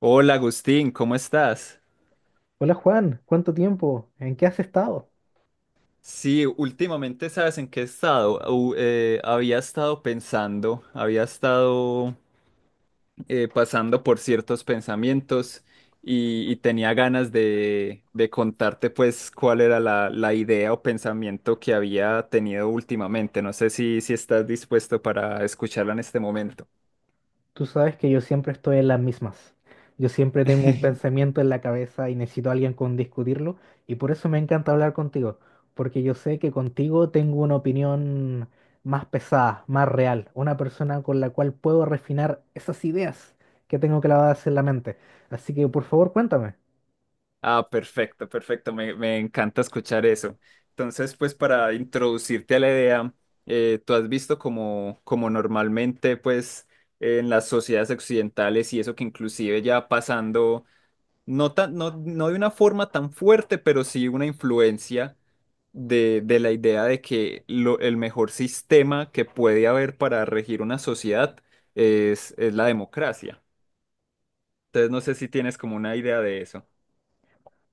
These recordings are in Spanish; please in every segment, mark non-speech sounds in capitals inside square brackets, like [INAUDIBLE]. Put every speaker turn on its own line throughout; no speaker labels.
Hola Agustín, ¿cómo estás?
Hola Juan, ¿cuánto tiempo? ¿En qué has estado?
Sí, últimamente sabes en qué he estado. Había estado pensando, había estado pasando por ciertos pensamientos y tenía ganas de contarte pues cuál era la idea o pensamiento que había tenido últimamente. No sé si estás dispuesto para escucharla en este momento.
Tú sabes que yo siempre estoy en las mismas. Yo siempre tengo un
[LAUGHS]
pensamiento en la cabeza y necesito a alguien con discutirlo y por eso me encanta hablar contigo, porque yo sé que contigo tengo una opinión más pesada, más real, una persona con la cual puedo refinar esas ideas que tengo clavadas en la mente. Así que por favor cuéntame.
Ah, perfecto, perfecto. Me encanta escuchar eso. Entonces, pues para introducirte a la idea, tú has visto como normalmente, pues en las sociedades occidentales y eso que inclusive ya pasando, no de una forma tan fuerte, pero sí una influencia de la idea de que el mejor sistema que puede haber para regir una sociedad es la democracia. Entonces, no sé si tienes como una idea de eso.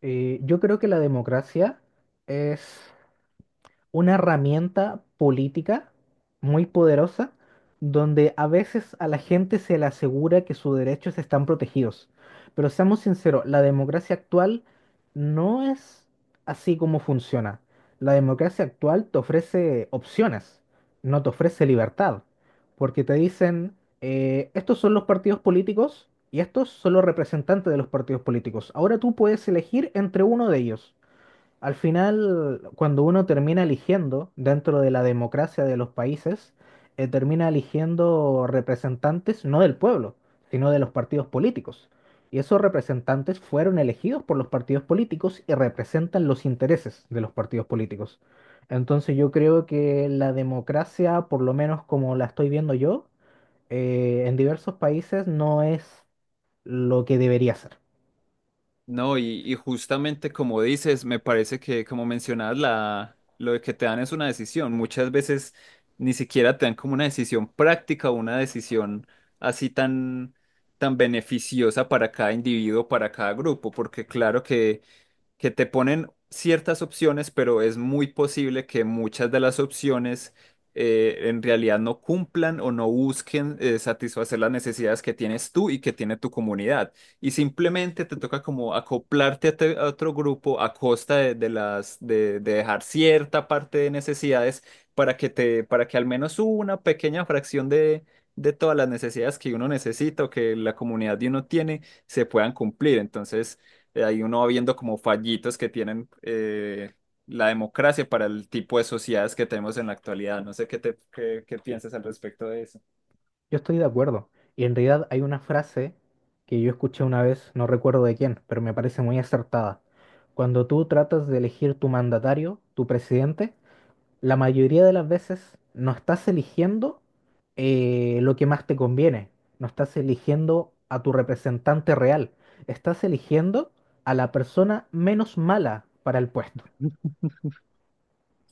Yo creo que la democracia es una herramienta política muy poderosa donde a veces a la gente se le asegura que sus derechos están protegidos. Pero seamos sinceros, la democracia actual no es así como funciona. La democracia actual te ofrece opciones, no te ofrece libertad, porque te dicen, estos son los partidos políticos y estos son los representantes de los partidos políticos. Ahora tú puedes elegir entre uno de ellos. Al final, cuando uno termina eligiendo dentro de la democracia de los países, termina eligiendo representantes no del pueblo, sino de los partidos políticos. Y esos representantes fueron elegidos por los partidos políticos y representan los intereses de los partidos políticos. Entonces yo creo que la democracia, por lo menos como la estoy viendo yo, en diversos países no es lo que debería ser.
No, y justamente como dices, me parece que como mencionabas, lo de que te dan es una decisión. Muchas veces ni siquiera te dan como una decisión práctica, una decisión así tan, tan beneficiosa para cada individuo, para cada grupo, porque claro que te ponen ciertas opciones, pero es muy posible que muchas de las opciones en realidad no cumplan o no busquen satisfacer las necesidades que tienes tú y que tiene tu comunidad. Y simplemente te toca como acoplarte a otro grupo a costa de dejar cierta parte de necesidades para que te, para que al menos una pequeña fracción de de todas las necesidades que uno necesita o que la comunidad de uno tiene se puedan cumplir. Entonces, ahí uno va viendo como fallitos que tienen la democracia para el tipo de sociedades que tenemos en la actualidad. No sé qué piensas al respecto de eso.
Yo estoy de acuerdo. Y en realidad hay una frase que yo escuché una vez, no recuerdo de quién, pero me parece muy acertada. Cuando tú tratas de elegir tu mandatario, tu presidente, la mayoría de las veces no estás eligiendo lo que más te conviene, no estás eligiendo a tu representante real, estás eligiendo a la persona menos mala para el puesto.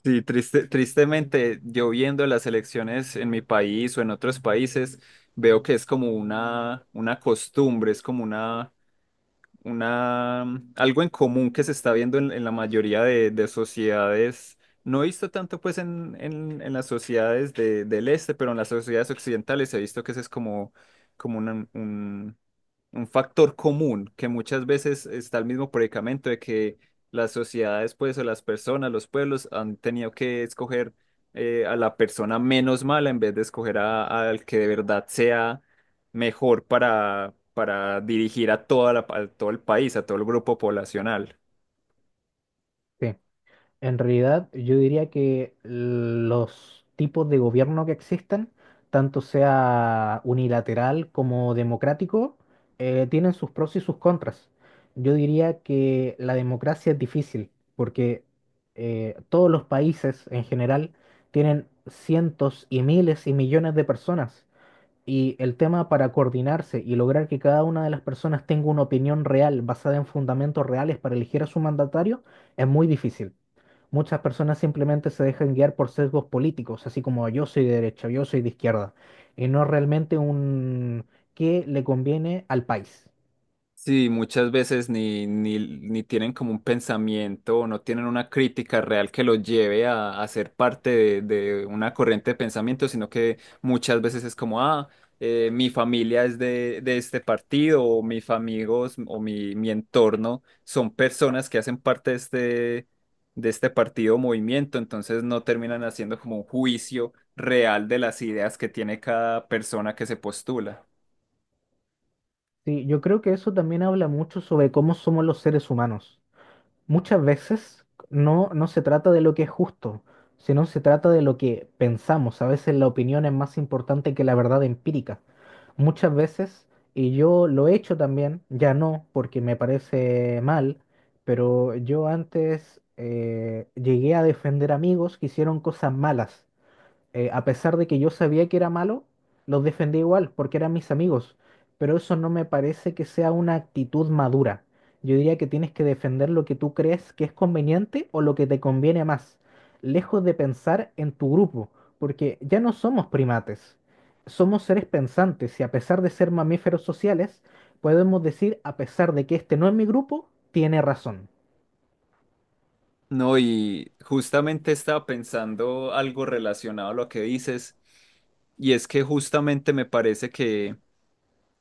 Sí, triste, tristemente, yo viendo las elecciones en mi país o en otros países, veo que es como una costumbre, es como una algo en común que se está viendo en la mayoría de sociedades, no he visto tanto pues en las sociedades del este, pero en las sociedades occidentales he visto que ese es como, como una- un, un factor común, que muchas veces está el mismo predicamento de que las sociedades pues o las personas, los pueblos han tenido que escoger a la persona menos mala en vez de escoger al que de verdad sea mejor para dirigir a a todo el país, a todo el grupo poblacional.
Sí. En realidad, yo diría que los tipos de gobierno que existen, tanto sea unilateral como democrático, tienen sus pros y sus contras. Yo diría que la democracia es difícil porque todos los países en general tienen cientos y miles y millones de personas y el tema para coordinarse y lograr que cada una de las personas tenga una opinión real basada en fundamentos reales para elegir a su mandatario es muy difícil. Muchas personas simplemente se dejan guiar por sesgos políticos, así como yo soy de derecha, yo soy de izquierda, y no realmente un qué le conviene al país.
Sí, muchas veces ni tienen como un pensamiento o no tienen una crítica real que los lleve a ser parte de una corriente de pensamiento, sino que muchas veces es como, ah, mi familia es de este partido o mis amigos o mi entorno son personas que hacen parte de este partido o movimiento, entonces no terminan haciendo como un juicio real de las ideas que tiene cada persona que se postula.
Sí, yo creo que eso también habla mucho sobre cómo somos los seres humanos. Muchas veces no se trata de lo que es justo, sino se trata de lo que pensamos. A veces la opinión es más importante que la verdad empírica. Muchas veces, y yo lo he hecho también, ya no, porque me parece mal, pero yo antes llegué a defender amigos que hicieron cosas malas a pesar de que yo sabía que era malo, los defendí igual porque eran mis amigos. Pero eso no me parece que sea una actitud madura. Yo diría que tienes que defender lo que tú crees que es conveniente o lo que te conviene más, lejos de pensar en tu grupo, porque ya no somos primates, somos seres pensantes y a pesar de ser mamíferos sociales, podemos decir, a pesar de que este no es mi grupo, tiene razón.
No, y justamente estaba pensando algo relacionado a lo que dices, y es que justamente me parece que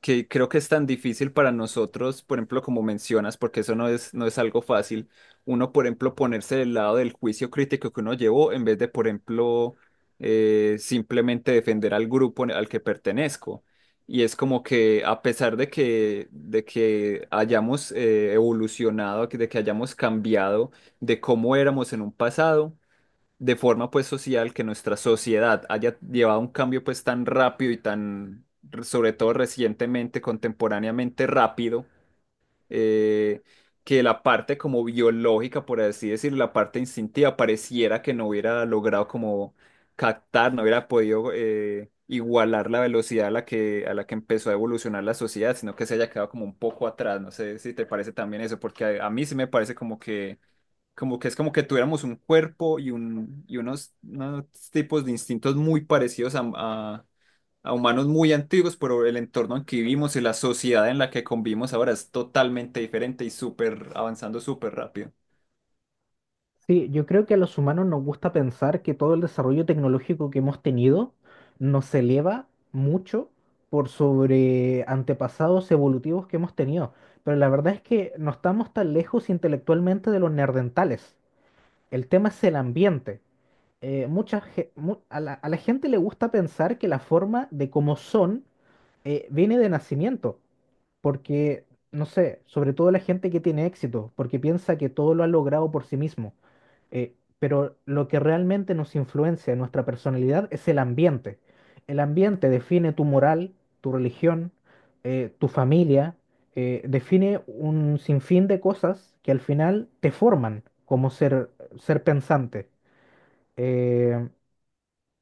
creo que es tan difícil para nosotros, por ejemplo, como mencionas, porque eso no es, no es algo fácil, uno, por ejemplo, ponerse del lado del juicio crítico que uno llevó en vez de, por ejemplo, simplemente defender al grupo al que pertenezco. Y es como que a pesar de que hayamos evolucionado, de que hayamos cambiado de cómo éramos en un pasado, de forma pues social que nuestra sociedad haya llevado un cambio pues tan rápido y tan, sobre todo recientemente, contemporáneamente rápido, eh, que la parte como biológica, por así decirlo, la parte instintiva pareciera que no hubiera logrado como captar, no hubiera podido igualar la velocidad a la que empezó a evolucionar la sociedad, sino que se haya quedado como un poco atrás. No sé si te parece también eso, porque a mí sí me parece como que es como que tuviéramos un cuerpo unos tipos de instintos muy parecidos a humanos muy antiguos, pero el entorno en que vivimos y la sociedad en la que convivimos ahora es totalmente diferente y súper avanzando súper rápido.
Sí, yo creo que a los humanos nos gusta pensar que todo el desarrollo tecnológico que hemos tenido nos eleva mucho por sobre antepasados evolutivos que hemos tenido. Pero la verdad es que no estamos tan lejos intelectualmente de los neandertales. El tema es el ambiente. A la gente le gusta pensar que la forma de cómo son viene de nacimiento, porque, no sé, sobre todo la gente que tiene éxito, porque piensa que todo lo ha logrado por sí mismo. Pero lo que realmente nos influencia en nuestra personalidad es el ambiente. El ambiente define tu moral, tu religión, tu familia, define un sinfín de cosas que al final te forman como ser pensante. Eh,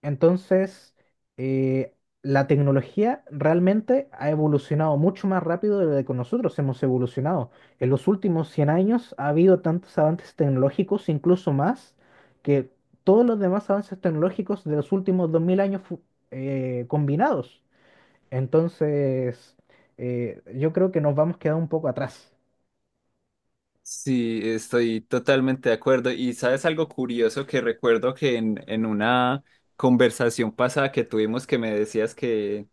entonces, eh, la tecnología realmente ha evolucionado mucho más rápido de lo que nosotros hemos evolucionado. En los últimos 100 años ha habido tantos avances tecnológicos, incluso más, que todos los demás avances tecnológicos de los últimos 2000 años combinados. Entonces, yo creo que nos vamos quedando un poco atrás.
Sí, estoy totalmente de acuerdo. Y sabes algo curioso que recuerdo que en una conversación pasada que tuvimos que me decías que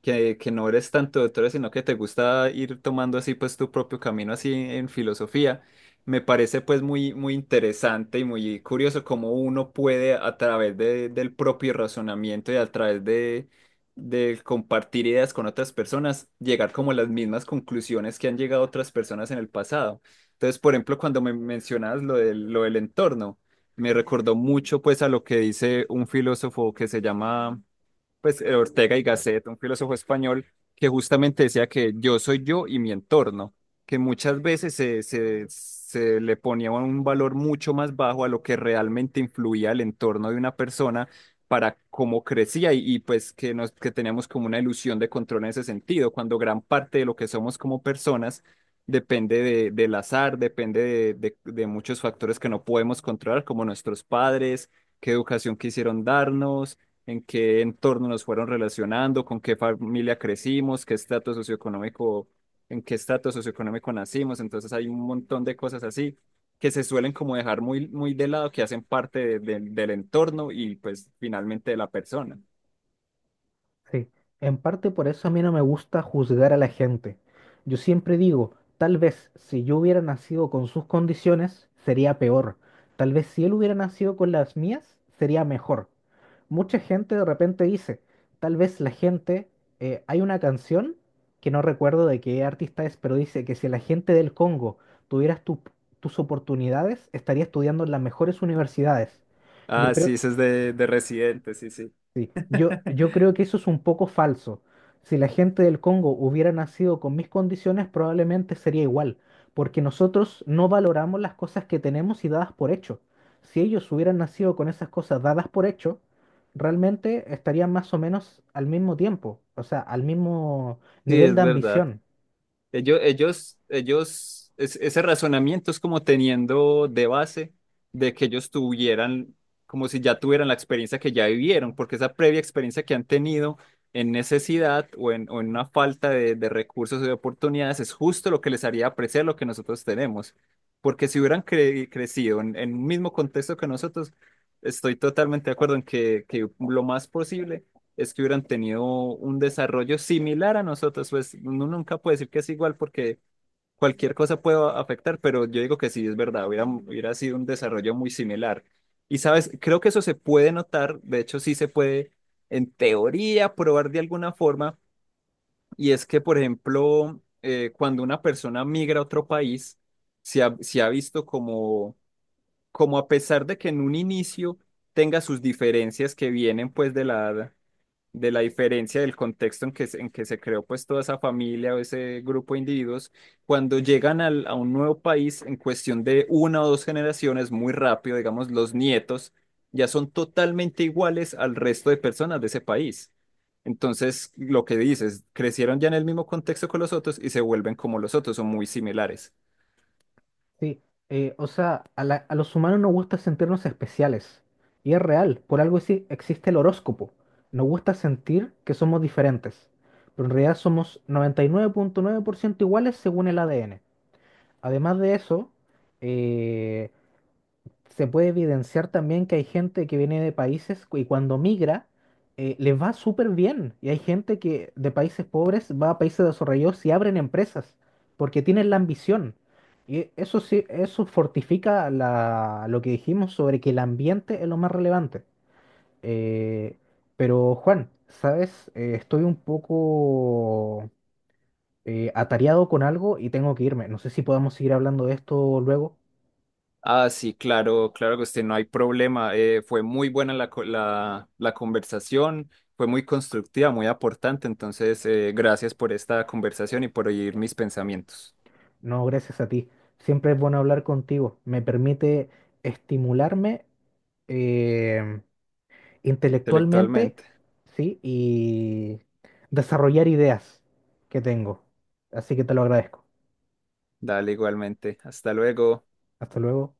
que no eres tanto doctora, sino que te gusta ir tomando así pues tu propio camino así en filosofía. Me parece pues muy, muy interesante y muy curioso cómo uno puede a través del propio razonamiento y a través de compartir ideas con otras personas, llegar como a las mismas conclusiones que han llegado otras personas en el pasado. Entonces, por ejemplo, cuando me mencionas lo del entorno, me recordó mucho pues a lo que dice un filósofo que se llama pues Ortega y Gasset, un filósofo español que justamente decía que yo soy yo y mi entorno, que muchas veces se le ponía un valor mucho más bajo a lo que realmente influía el entorno de una persona para cómo crecía pues que, nos, que teníamos como una ilusión de control en ese sentido, cuando gran parte de lo que somos como personas depende del azar, depende de muchos factores que no podemos controlar, como nuestros padres, qué educación quisieron darnos en qué entorno nos fueron relacionando, con qué familia crecimos, qué estatus socioeconómico, en qué estatus socioeconómico nacimos. Entonces hay un montón de cosas así que se suelen como dejar muy, muy de lado, que hacen parte del entorno y pues finalmente de la persona.
Sí, en parte por eso a mí no me gusta juzgar a la gente. Yo siempre digo, tal vez si yo hubiera nacido con sus condiciones, sería peor. Tal vez si él hubiera nacido con las mías, sería mejor. Mucha gente de repente dice, tal vez la gente, hay una canción que no recuerdo de qué artista es, pero dice que si la gente del Congo tuvieras tus oportunidades, estaría estudiando en las mejores universidades. Yo
Ah,
creo,
sí, eso es de Residente, sí, sí.
Sí, yo
[LAUGHS]
creo que eso es un poco falso. Si la gente del Congo hubiera nacido con mis condiciones, probablemente sería igual, porque nosotros no valoramos las cosas que tenemos y dadas por hecho. Si ellos hubieran nacido con esas cosas dadas por hecho, realmente estarían más o menos al mismo tiempo, o sea, al mismo
Sí,
nivel
es
de
verdad.
ambición.
Ellos, ese razonamiento es como teniendo de base de que ellos tuvieran, como si ya tuvieran la experiencia que ya vivieron, porque esa previa experiencia que han tenido en necesidad o en una falta de recursos o de oportunidades es justo lo que les haría apreciar lo que nosotros tenemos. Porque si hubieran crecido en un mismo contexto que nosotros, estoy totalmente de acuerdo en que lo más posible es que hubieran tenido un desarrollo similar a nosotros. Pues uno nunca puede decir que es igual porque cualquier cosa puede afectar, pero yo digo que sí, es verdad, hubiera, hubiera sido un desarrollo muy similar. Y sabes, creo que eso se puede notar, de hecho sí se puede en teoría probar de alguna forma, y es que, por ejemplo, cuando una persona migra a otro país, se ha visto como, como a pesar de que en un inicio tenga sus diferencias que vienen pues de la diferencia del contexto en que, en que se creó pues toda esa familia o ese grupo de individuos, cuando llegan a un nuevo país en cuestión de una o dos generaciones, muy rápido, digamos, los nietos ya son totalmente iguales al resto de personas de ese país. Entonces, lo que dices, crecieron ya en el mismo contexto que los otros y se vuelven como los otros, son muy similares.
Sí, a los humanos nos gusta sentirnos especiales. Y es real, por algo sí existe el horóscopo. Nos gusta sentir que somos diferentes. Pero en realidad somos noventa y nueve punto nueve por ciento iguales según el ADN. Además de eso, eh, se puede evidenciar también que hay gente que viene de países y cuando migra les va súper bien. Y hay gente que de países pobres va a países desarrollados y abren empresas porque tienen la ambición. Y eso sí, eso fortifica lo que dijimos sobre que el ambiente es lo más relevante. Eh, pero Juan, ¿sabes? Estoy un poco atareado con algo y tengo que irme. No sé si podamos seguir hablando de esto luego.
Ah, sí, claro, claro que usted no hay problema. Fue muy buena la conversación, fue muy constructiva, muy aportante. Entonces, gracias por esta conversación y por oír mis pensamientos
No, gracias a ti. Siempre es bueno hablar contigo. Me permite estimularme eh, intelectualmente,
intelectualmente.
¿sí? Y desarrollar ideas que tengo. Así que te lo agradezco.
Dale igualmente. Hasta luego.
Hasta luego.